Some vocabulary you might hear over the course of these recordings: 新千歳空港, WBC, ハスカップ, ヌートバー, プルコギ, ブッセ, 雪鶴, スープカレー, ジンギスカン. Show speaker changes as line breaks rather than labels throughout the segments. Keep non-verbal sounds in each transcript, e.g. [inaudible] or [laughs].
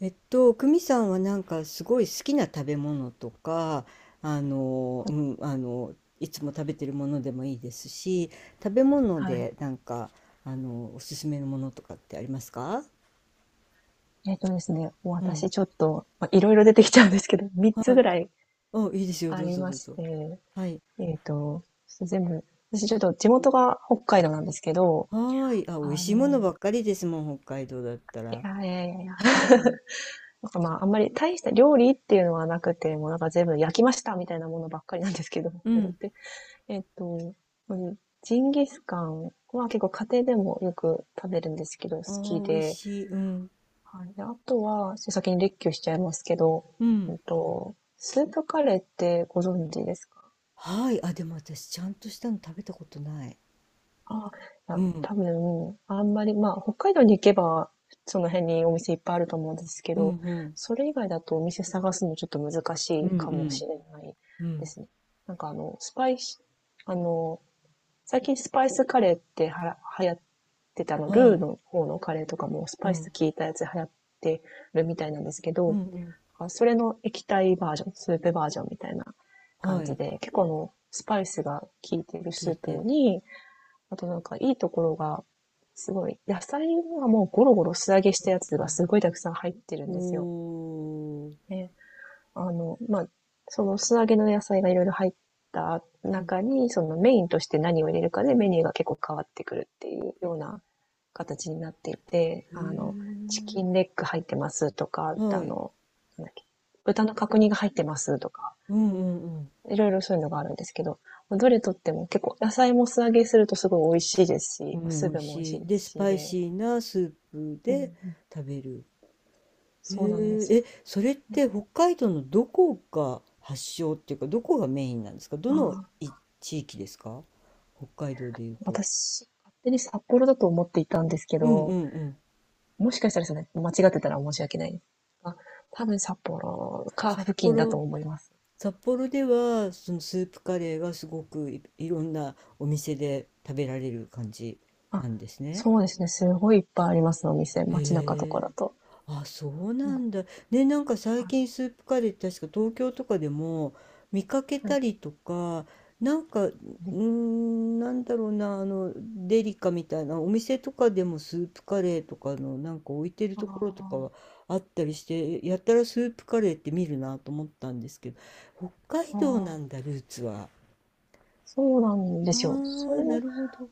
久美さんはなんかすごい好きな食べ物とか、あの、うん、あの、いつも食べてるものでもいいですし、食べ物
はい。
でなんか、おすすめのものとかってありますか？
ですね、
うん。
私ちょっと、ま、いろいろ出てきちゃうんですけど、[laughs] 3つぐらい
あ、いいですよ。
あ
どう
り
ぞ
ま
どう
し
ぞ。
て、
はい。
ちょっと全部、私ちょっと地元が北海道なんですけど、
はーい。あ、美味
あ
しいもの
の、
ばっかりですもん、北海道だった
い
ら。
やいやいやいや、
う
[laughs]
ん。
なんかまあ、あんまり大した料理っていうのはなくて、もうなんか全部焼きましたみたいなものばっかりなんですけど、
う
北海道っ
ん。
て。えっと、ジンギスカンは結構家庭でもよく食べるんですけど、好
あ
き
ー、美味
で、
しい。うん。
はい。で、あとは、先に列挙しちゃいますけど、
うん。
スープカレーってご存知ですか
はい。あ、でも私、ちゃんとしたの食べたことない。
あ、いや、
うん。
多分、あんまり、まあ、北海道に行けば、その辺にお店いっぱいあると思うんですけ
うん
ど、
うん。
それ以外だとお店探すのちょっと難し
うん
いか
う
もし
ん。
れない
う
で
ん。
すね。なんかあの、スパイス、あの、最近スパイスカレーって流行ってた
は
ルー
い。
の方のカレーとかもス
う
パイス
ん、
効いたやつ流行ってるみたいなんですけ
う
ど、
ん、うん、
それの液体バージョン、スープバージョンみたいな
は
感じ
い、
で、結構スパイスが効いてる
聞
ス
い
ープ
て、
に、あとなんかいいところが、すごい、野菜はもうゴロゴロ素揚げし
え
たやつが
はい、
すごいたくさん入ってるんですよ。
おー、
ね、まあ、その素揚げの野菜がいろいろ入った
うん、
中に、そのメインとして何を入れるかでメニューが結構変わってくるっていうような形になっていて、
へ
チ
え、
キンレッグ入ってますとか、
はい、
なんだっけ、豚の角煮が入ってますとか、
うんうんうんはい聞いてはい
いろいろそういうのがあるんですけど、どれとっても結構野菜も素揚げするとすごい美味しいです
おー
し、
うん、
スー
美味
プも美味
し
しい
い。
で
で、
す
ス
し
パイ
で、
シーなスープ
うん
で
うん、
食べる。へ
そうなんで
え、
す。
え、それっ
ね、
て北海道のどこが発祥っていうか、どこがメインなんですか？ど
あ
の
あ、
い地域ですか？北海道でいうと。
私、勝手に札幌だと思っていたんですけ
うんう
ど、
んうん。
もしかしたらそれ、間違ってたら申し訳ない。あ、多分札幌か
札
付近だと
幌、
思います。
札幌ではそのスープカレーがすごくい、いろんなお店で食べられる感じ
あ、
なんですね。
そうですね。すごいいっぱいあります、お店。街中とか
へ
だ
え。
と。
あ、そう
うん、
な
は
んだ。ね、なんか最近スープカレーって確か東京とかでも見かけ
い、は
た
い、
りとか、なんか、う
うん。
ーん、なんだろうな、デリカみたいなお店とかでもスープカレーとかのなんか置いてるところとか
あ
はあったりして、やったらスープカレーって見るなと思ったんですけど、北海
あ、あ
道なん
あ、
だ、ルーツは。
そうなんで
あ
すよ。そ
あ、
れ
な
も、
るほど。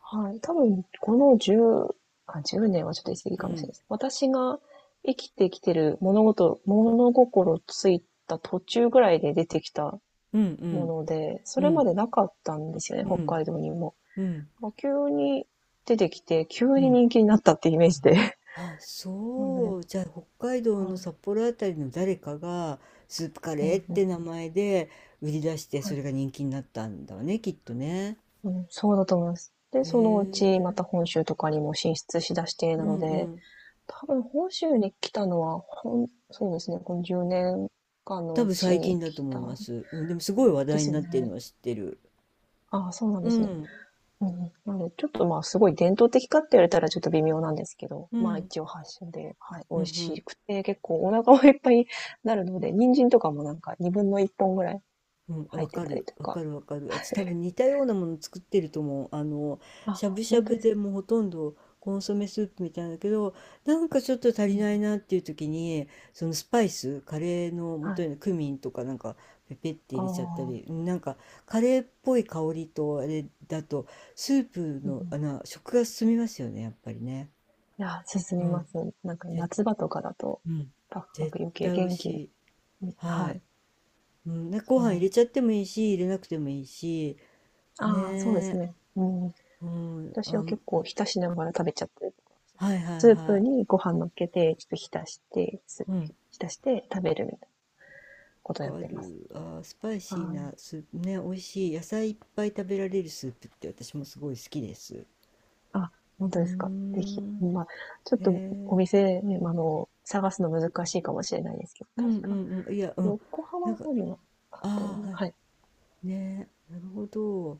はい、多分、この10、あ、1年はちょっと言い過ぎ
う
かもしれない
ん、
です。私が生きてきてる物事、物心ついた途中ぐらいで出てきた
うん、う
も
ん、
ので、それ
う
ま
ん、
でなかったんですよね、
う
北
ん、
海道にも。
うん、
もう急に出てきて、急
う
に
ん。
人気になったってイメージで。
あ、
[laughs] そう
そ
ね。
う。じゃあ、北海道
は
の
い。
札幌あたりの誰かが、スープカ
う
レーっ
んう
て
ん、
名前で売り出して、
は
そ
い。
れが人気になったんだわね、きっとね。
うん、そうだと思います。で、
へ
そのうちま
え。
た本州とかにも進出しだしてな
う
の
んう
で、
ん。
多分本州に来たのは、そうですね、この10年間の
多
う
分
ち
最
に
近だと
来
思
た
いま
ん
す。うん、でもすごい話
で
題
す
に
よ
なってるの
ね。
は知ってる。
ああ、そうなん
う
ですね。
ん。
うんうん。なので、ちょっとまあ、すごい伝統的かって言われたらちょっと微妙なんですけど、
う
まあ
ん。
一応発祥で、はい、美
うんう
味し
ん。
くて、結構お腹もいっぱいになるので、人参とかもなんか2分の1本ぐらい
うん、
入
わ
って
か
たり
る、
と
わ
か。
かる、わかる。私多分似たようなもの作ってると思う。しゃ
あ、
ぶしゃ
本
ぶ
当です
で
か？
もうほとんどコンソメスープみたいなんだけど、なんかちょっと足
う
りない
ん。
なっていう時に、そのスパイス、カレーの
は
元
い。
にクミンとかなんかペペって
あ
入れちゃったり、
あ、
なんかカレーっぽい香りとあれだと、スープ
うんう
の、
ん。い
食が進みますよね、やっぱりね。
や、進
う
みま
ん、
す。なんか
ぜ、
夏場とかだと、
うん、
パクパ
絶
ク余計
対美味
元
し
気
い。
に、
は
はい、
い。うん、なご
そ
飯入れちゃってもいいし、入れなくてもいいし、
う。ああ、そうです
ねえ、
ね。うん。
うん、
私
あ、
は結構浸しながら食べちゃったりとか
はいはい
スープ
は
にご飯乗っけて、ちょっと浸して、スー
い、う
プ
ん、
に浸して食べるみたいなことをや
わ
っ
か
てます。
る。あー、スパイシー
は
な
い。
スープね、美味しい。野菜いっぱい食べられるスープって私もすごい好きです。
あ、本
う
当
ー
ですか？ぜひ、
ん、
まあ、ちょっ
へ
とお
え、
店ね、探すの難しいかもしれないですけど、
うん
確
う
か
んうん、いや、うん、
横浜
なん
の
か、
方にもあったよう
ああ、
な、
は
はい、
いねえ、なるほど。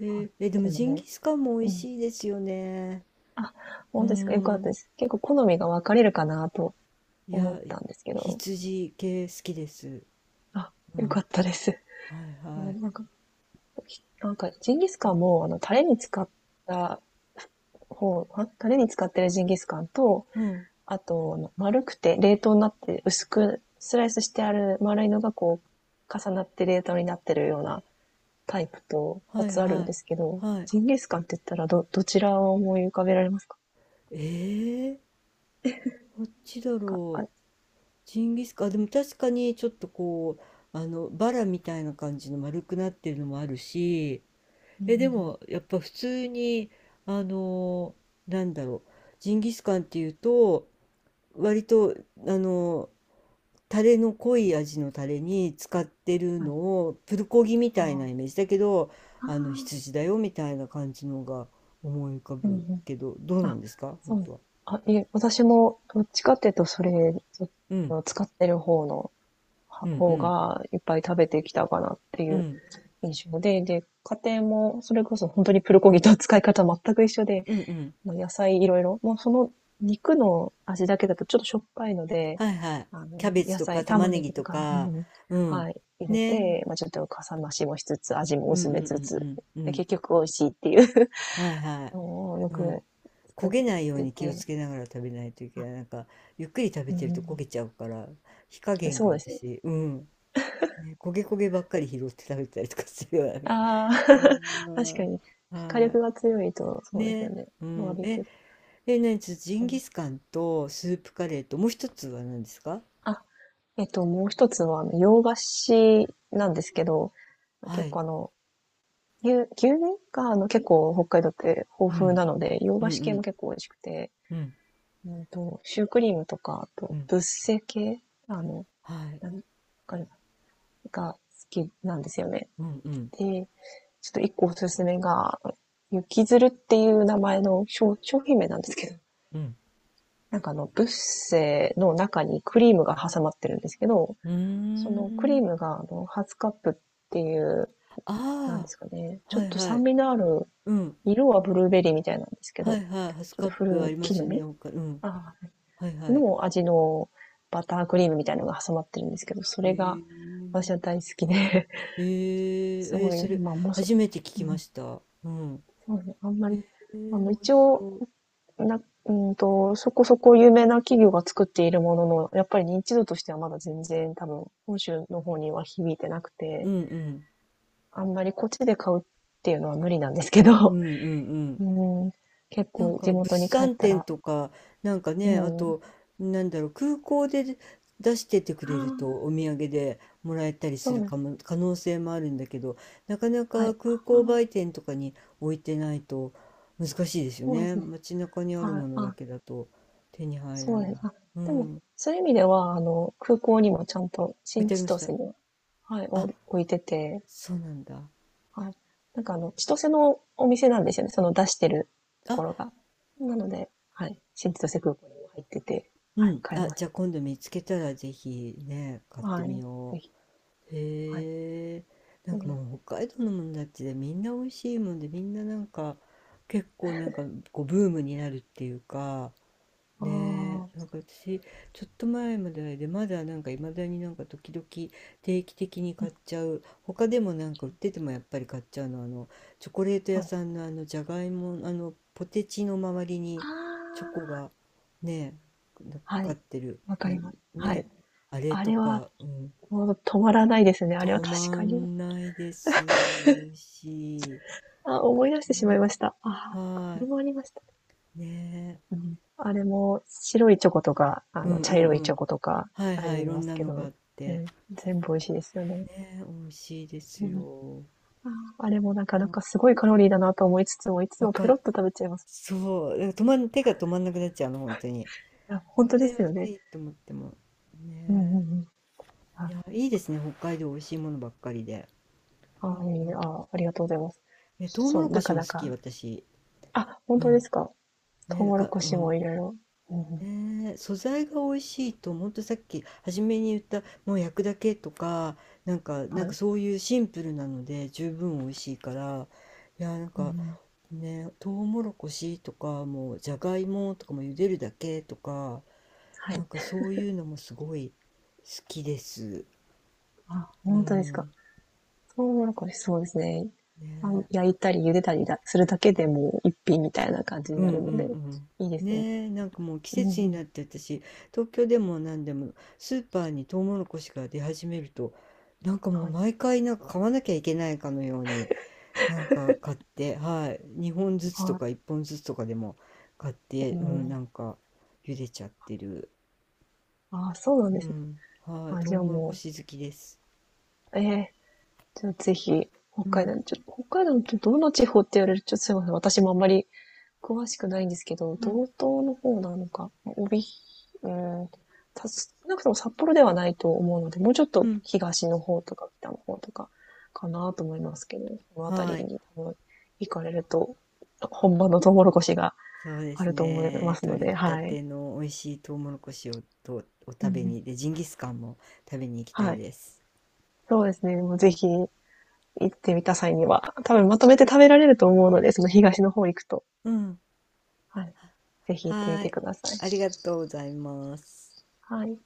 へ
はい。
え、
っ
え、でも
ていうの
ジンギ
で、
スカンも美
う
味
ん。
しいですよね。
あ、
うー
本当ですか？よかったで
ん、
す。結構好みが分かれるかなと
い
思っ
や、
たんですけど、
羊系好きです。
あ、
う
よか
ん、
ったです。
はい
[laughs]
はい。
なんか、なんか、ジンギスカンも、た方、タレに使ってるジンギスカンと、
うん、
あと、あの丸くて冷凍になって薄くスライスしてある丸いのがこう、重なって冷凍になってるようなタイプと2
はい
つあるん
は
で
い。
すけど、
はい。
ジンギスカンって言ったらどちらを思い浮かべられますか？
ええこっちだ
なんか、あ
ろう。
れ、
ジンギスカン、あでも確かにちょっとこう、バラみたいな感じの丸くなってるのもあるし、
う
え、で
ん、
もやっぱ普通に、あの、なんだろう、ジンギスカンっていうと、割と、あの、タレの濃い味のタレに使ってる
はい、
のを、プルコギみたいなイ
あ
メージだけど、
あ、
羊だよみたいな感じのが思い浮か
うん、う
ぶ
ん。
けど、どうな
あ、
んですか本
そう。
当は。
あ、いえ、私もどっちかっていうと、それ、そっち
うん、
の使ってる方の、
う
は
ん、う
方
ん。
がいっぱい食べてきたかなって
う
いう
ん
印象で、で、家庭もそれこそ本当にプルコギと使い方全く一緒で、
うんうん。
もう野菜いろいろ。もうその肉の味だけだとちょっとしょっぱいので、
はいはい。キャベツ
野
とか
菜、
玉
玉
ね
ね
ぎ
ぎと
と
か、う
か、
ん、
うん。
はい、入れ
ね。う
て、
ん
まあちょっとかさ増しもしつつ、味も
うん
薄
う
めつ
んう
つ、
んう
で、
ん。
結局美味しいっていう
はいは
[laughs]
い。
のをよ
う
く
ん。焦
作っ
げないよう
て
に気をつ
て、
けながら食べないといけ
あ、
ない。なんか、ゆっくり食べ
う
てると焦
ん、
げちゃうから、火加減
そ
が
うですね。
私、うん。ね、焦げ焦げばっかり拾って食べたりとかするような。
ああ、[laughs] 確か
うん
に、火
は
力が強いと、
い。
そうですよ
ね。
ね。
う
バー
ん。
ベキ
え、
ュー。
え、何ちょっとジ
う
ンギ
ん、
スカンとスープカレーと、もう一つは何ですか？
あ、もう一つは、あの洋菓子なんですけど、
は
結構
い。
牛乳が、結構北海道って
う
豊富
ん。
なので、洋
うん
菓子
う
系も
ん。
結構美味しくて、
うん。
シュークリームとか、あ
う
と、
ん。
ブッセ系、あの、
はい。
なんわかるが好きなんですよね。
うんうん
で、ちょっと一個おすすめが、雪鶴っていう名前の商品名なんですけど、
うん。
なんかブッセの中にクリームが挟まってるんですけど、
うー
そのクリー
ん。
ムが、ハスカップっていう、なんで
あ
すかね、
あ、
ちょ
は
っ
い
と
は
酸
い。
味のある、
うん。
色はブルーベリーみたいなんですけ
は
ど、
いはい。ハス
ちょっ
カ
と
ップあ
古
りま
き木
す
の
よね、
実
他。うん。
あー
はいはい。
の味のバタークリームみたいなのが挟まってるんですけど、そ
へ
れ
え
が私は
ー。
大好きで、
え
[laughs]
ー
す
えー
ごい、
それ、
まあ、もうそ、
初めて聞
う
きま
ん、
した。うん。
そうね、あんまり、
えー、美味
一
し
応、
そう。
な、そこそこ有名な企業が作っているものの、やっぱり認知度としてはまだ全然多分、本州の方には響いてなく
う
て、
んうん。
あんまりこっちで買うっていうのは無理なんですけ
うん
ど、
うんう
[laughs]
ん。
うん、結
なん
構
か
地
物
元に帰っ
産
た
展
ら、
とか、なんかね、あ
うん、あ
と、なんだろう、空港で出しててく
あ、
れるとお土産でもらえたりす
そう
る
で、
かも、可能性もあるんだけど、なかなか
は
空港
い。あ
売
あ、
店とかに置いてないと難しいですよ
そうで
ね。
すね。
街中にある
はい。
ものだ
あ、
けだと手に入ら
そうで
な
す。
い。
あ、
う
でも、
ん、置
そういう意味では、空港にもちゃんと
い
新
てあり
千
ました。
歳には、はい、お
あ、
置いてて、
そうなんだ。
はい。なんか千歳のお店なんですよね。その出してると
あ、
ころが。なので、はい。新千歳空港にも入ってて、
う
はい、
ん。
買え
あ、
ます。
じゃあ今度見つけたらぜひね、買って
は
み
い。
よ
ぜ
う。
ひ。はい。
へえ、な
う
んか
ん、
もう北海道のもんだってみんな美味しいもんでみんななんか結構なんかこうブームになるっていうか
あ
ねえなん
あ、
か私ちょっと前まででまだなんかいまだになんか時々定期的に
う
買っ
ん、
ちゃう他でもなんか売っててもやっぱり買っちゃうのはあのチョコレート屋
はい。
さんのあのじゃがいもあのポテチの周りに
あ
チョコ
あ、
がねえなんかか
は
かっ
い。
てる
わか
な
り
ね
ます。は
え
い。
あれ
あ
と
れは、
か、うん、
もう止まらないですね。あれは
止
確
ま
かに。
んないです。美味しい。
あ、思い出してしまいま
ね、
した。ああ、そっか、そ
は
れもありました。
い。ね。
うん、あれも白いチョコとか、
うんう
茶
ん
色い
う
チョ
ん。
コとか
はい
あ
はい。い
り
ろ
ま
ん
す
な
け
のがあ
ど、
って。
ね、全部美味しいですよね。
ね、美味しいです
うん、
よ。
ああれもなかなかすごいカロリーだなと思いつつも、いつ
わ
も
か
ペロッ
る、
と食べちゃいます。
そう。だから止まん、手が止まんなくなっちゃうの、本当に。
いや、本
ま
当
ず
で
いま
すよ
ず
ね。
いと思っても。
うんう
ね。
んうん。
いや、
あ、
いいですね。北海道美味しいものばっかりで。うん。
いいねありがとうございます。
え、トウモ
そう、
ロコ
な
シ
か
も
な
好き、
か。
私。
あ、本
う
当で
ん。
すか？ト
ね、
ウ
なん
モロ
か、
コ
う
シも
ん。
いろいろ。うんうん、
ねえ、素材が美味しいと、ほんとさっき初めに言った、もう焼くだけとか、なんか、な
は
んか
い。
そういうシンプルなので十分美味しいから、いや、なん
うんう
か
ん、
ね、トウモロコシとか、もうじゃがいもとかも茹でるだけとか、
は
な
い。
んかそういうのもすごい好きです。
あ、
う
本当ですか？
ん。
トウモロコシ、そうですね。
ね
焼いたり茹でたりするだけでもう一品みたいな感じに
う
な
ん
る
う
ので、
ん
いいで
うん。
すよね。
ねえ、なんかもう季
うんう
節に
ん。
なって私、東京でも何でもスーパーにトウモロコシが出始めると、なんかもう
はい。
毎回なんか買わなきゃいけないかのように、なんか買って、はい、2本ずつと
はい。
か1本ずつとかでも買って、
う
うん、な
ん、
んか茹でちゃってる。
ああ、そうなんで
う
すね。
ん、はい、
あ、
ト
じ
ウ
ゃあ
モロコ
も
シ好きです。
う、ええじゃあぜひ、北
う
海
ん、
道、北海道ってどの地方って言われると、ちょっとすいません。私もあんまり詳しくないんですけど、
うん、
道東の方なのか、うん、少なくとも札幌ではないと思うので、もうちょっ
う
と
ん、
東の方とか北の方とかかなと思いますけど、そのあたり
はい。
に多分行かれると、本場のトウモロコシが
そうで
あ
す
ると思いま
ね。
すの
取り
で、
た
はい。
ての美味しいトウモロコシをとお
う
食べ
ん。
に、で、ジンギスカンも食べに行きたい
はい。
です。
そうですね、もうぜひ行ってみた際には、多分まとめて食べられると思うので、その東の方行くと、
うん。
はい、ぜひ行って
は
み
ー
て
い。
ください。
ありがとうございます。
はい。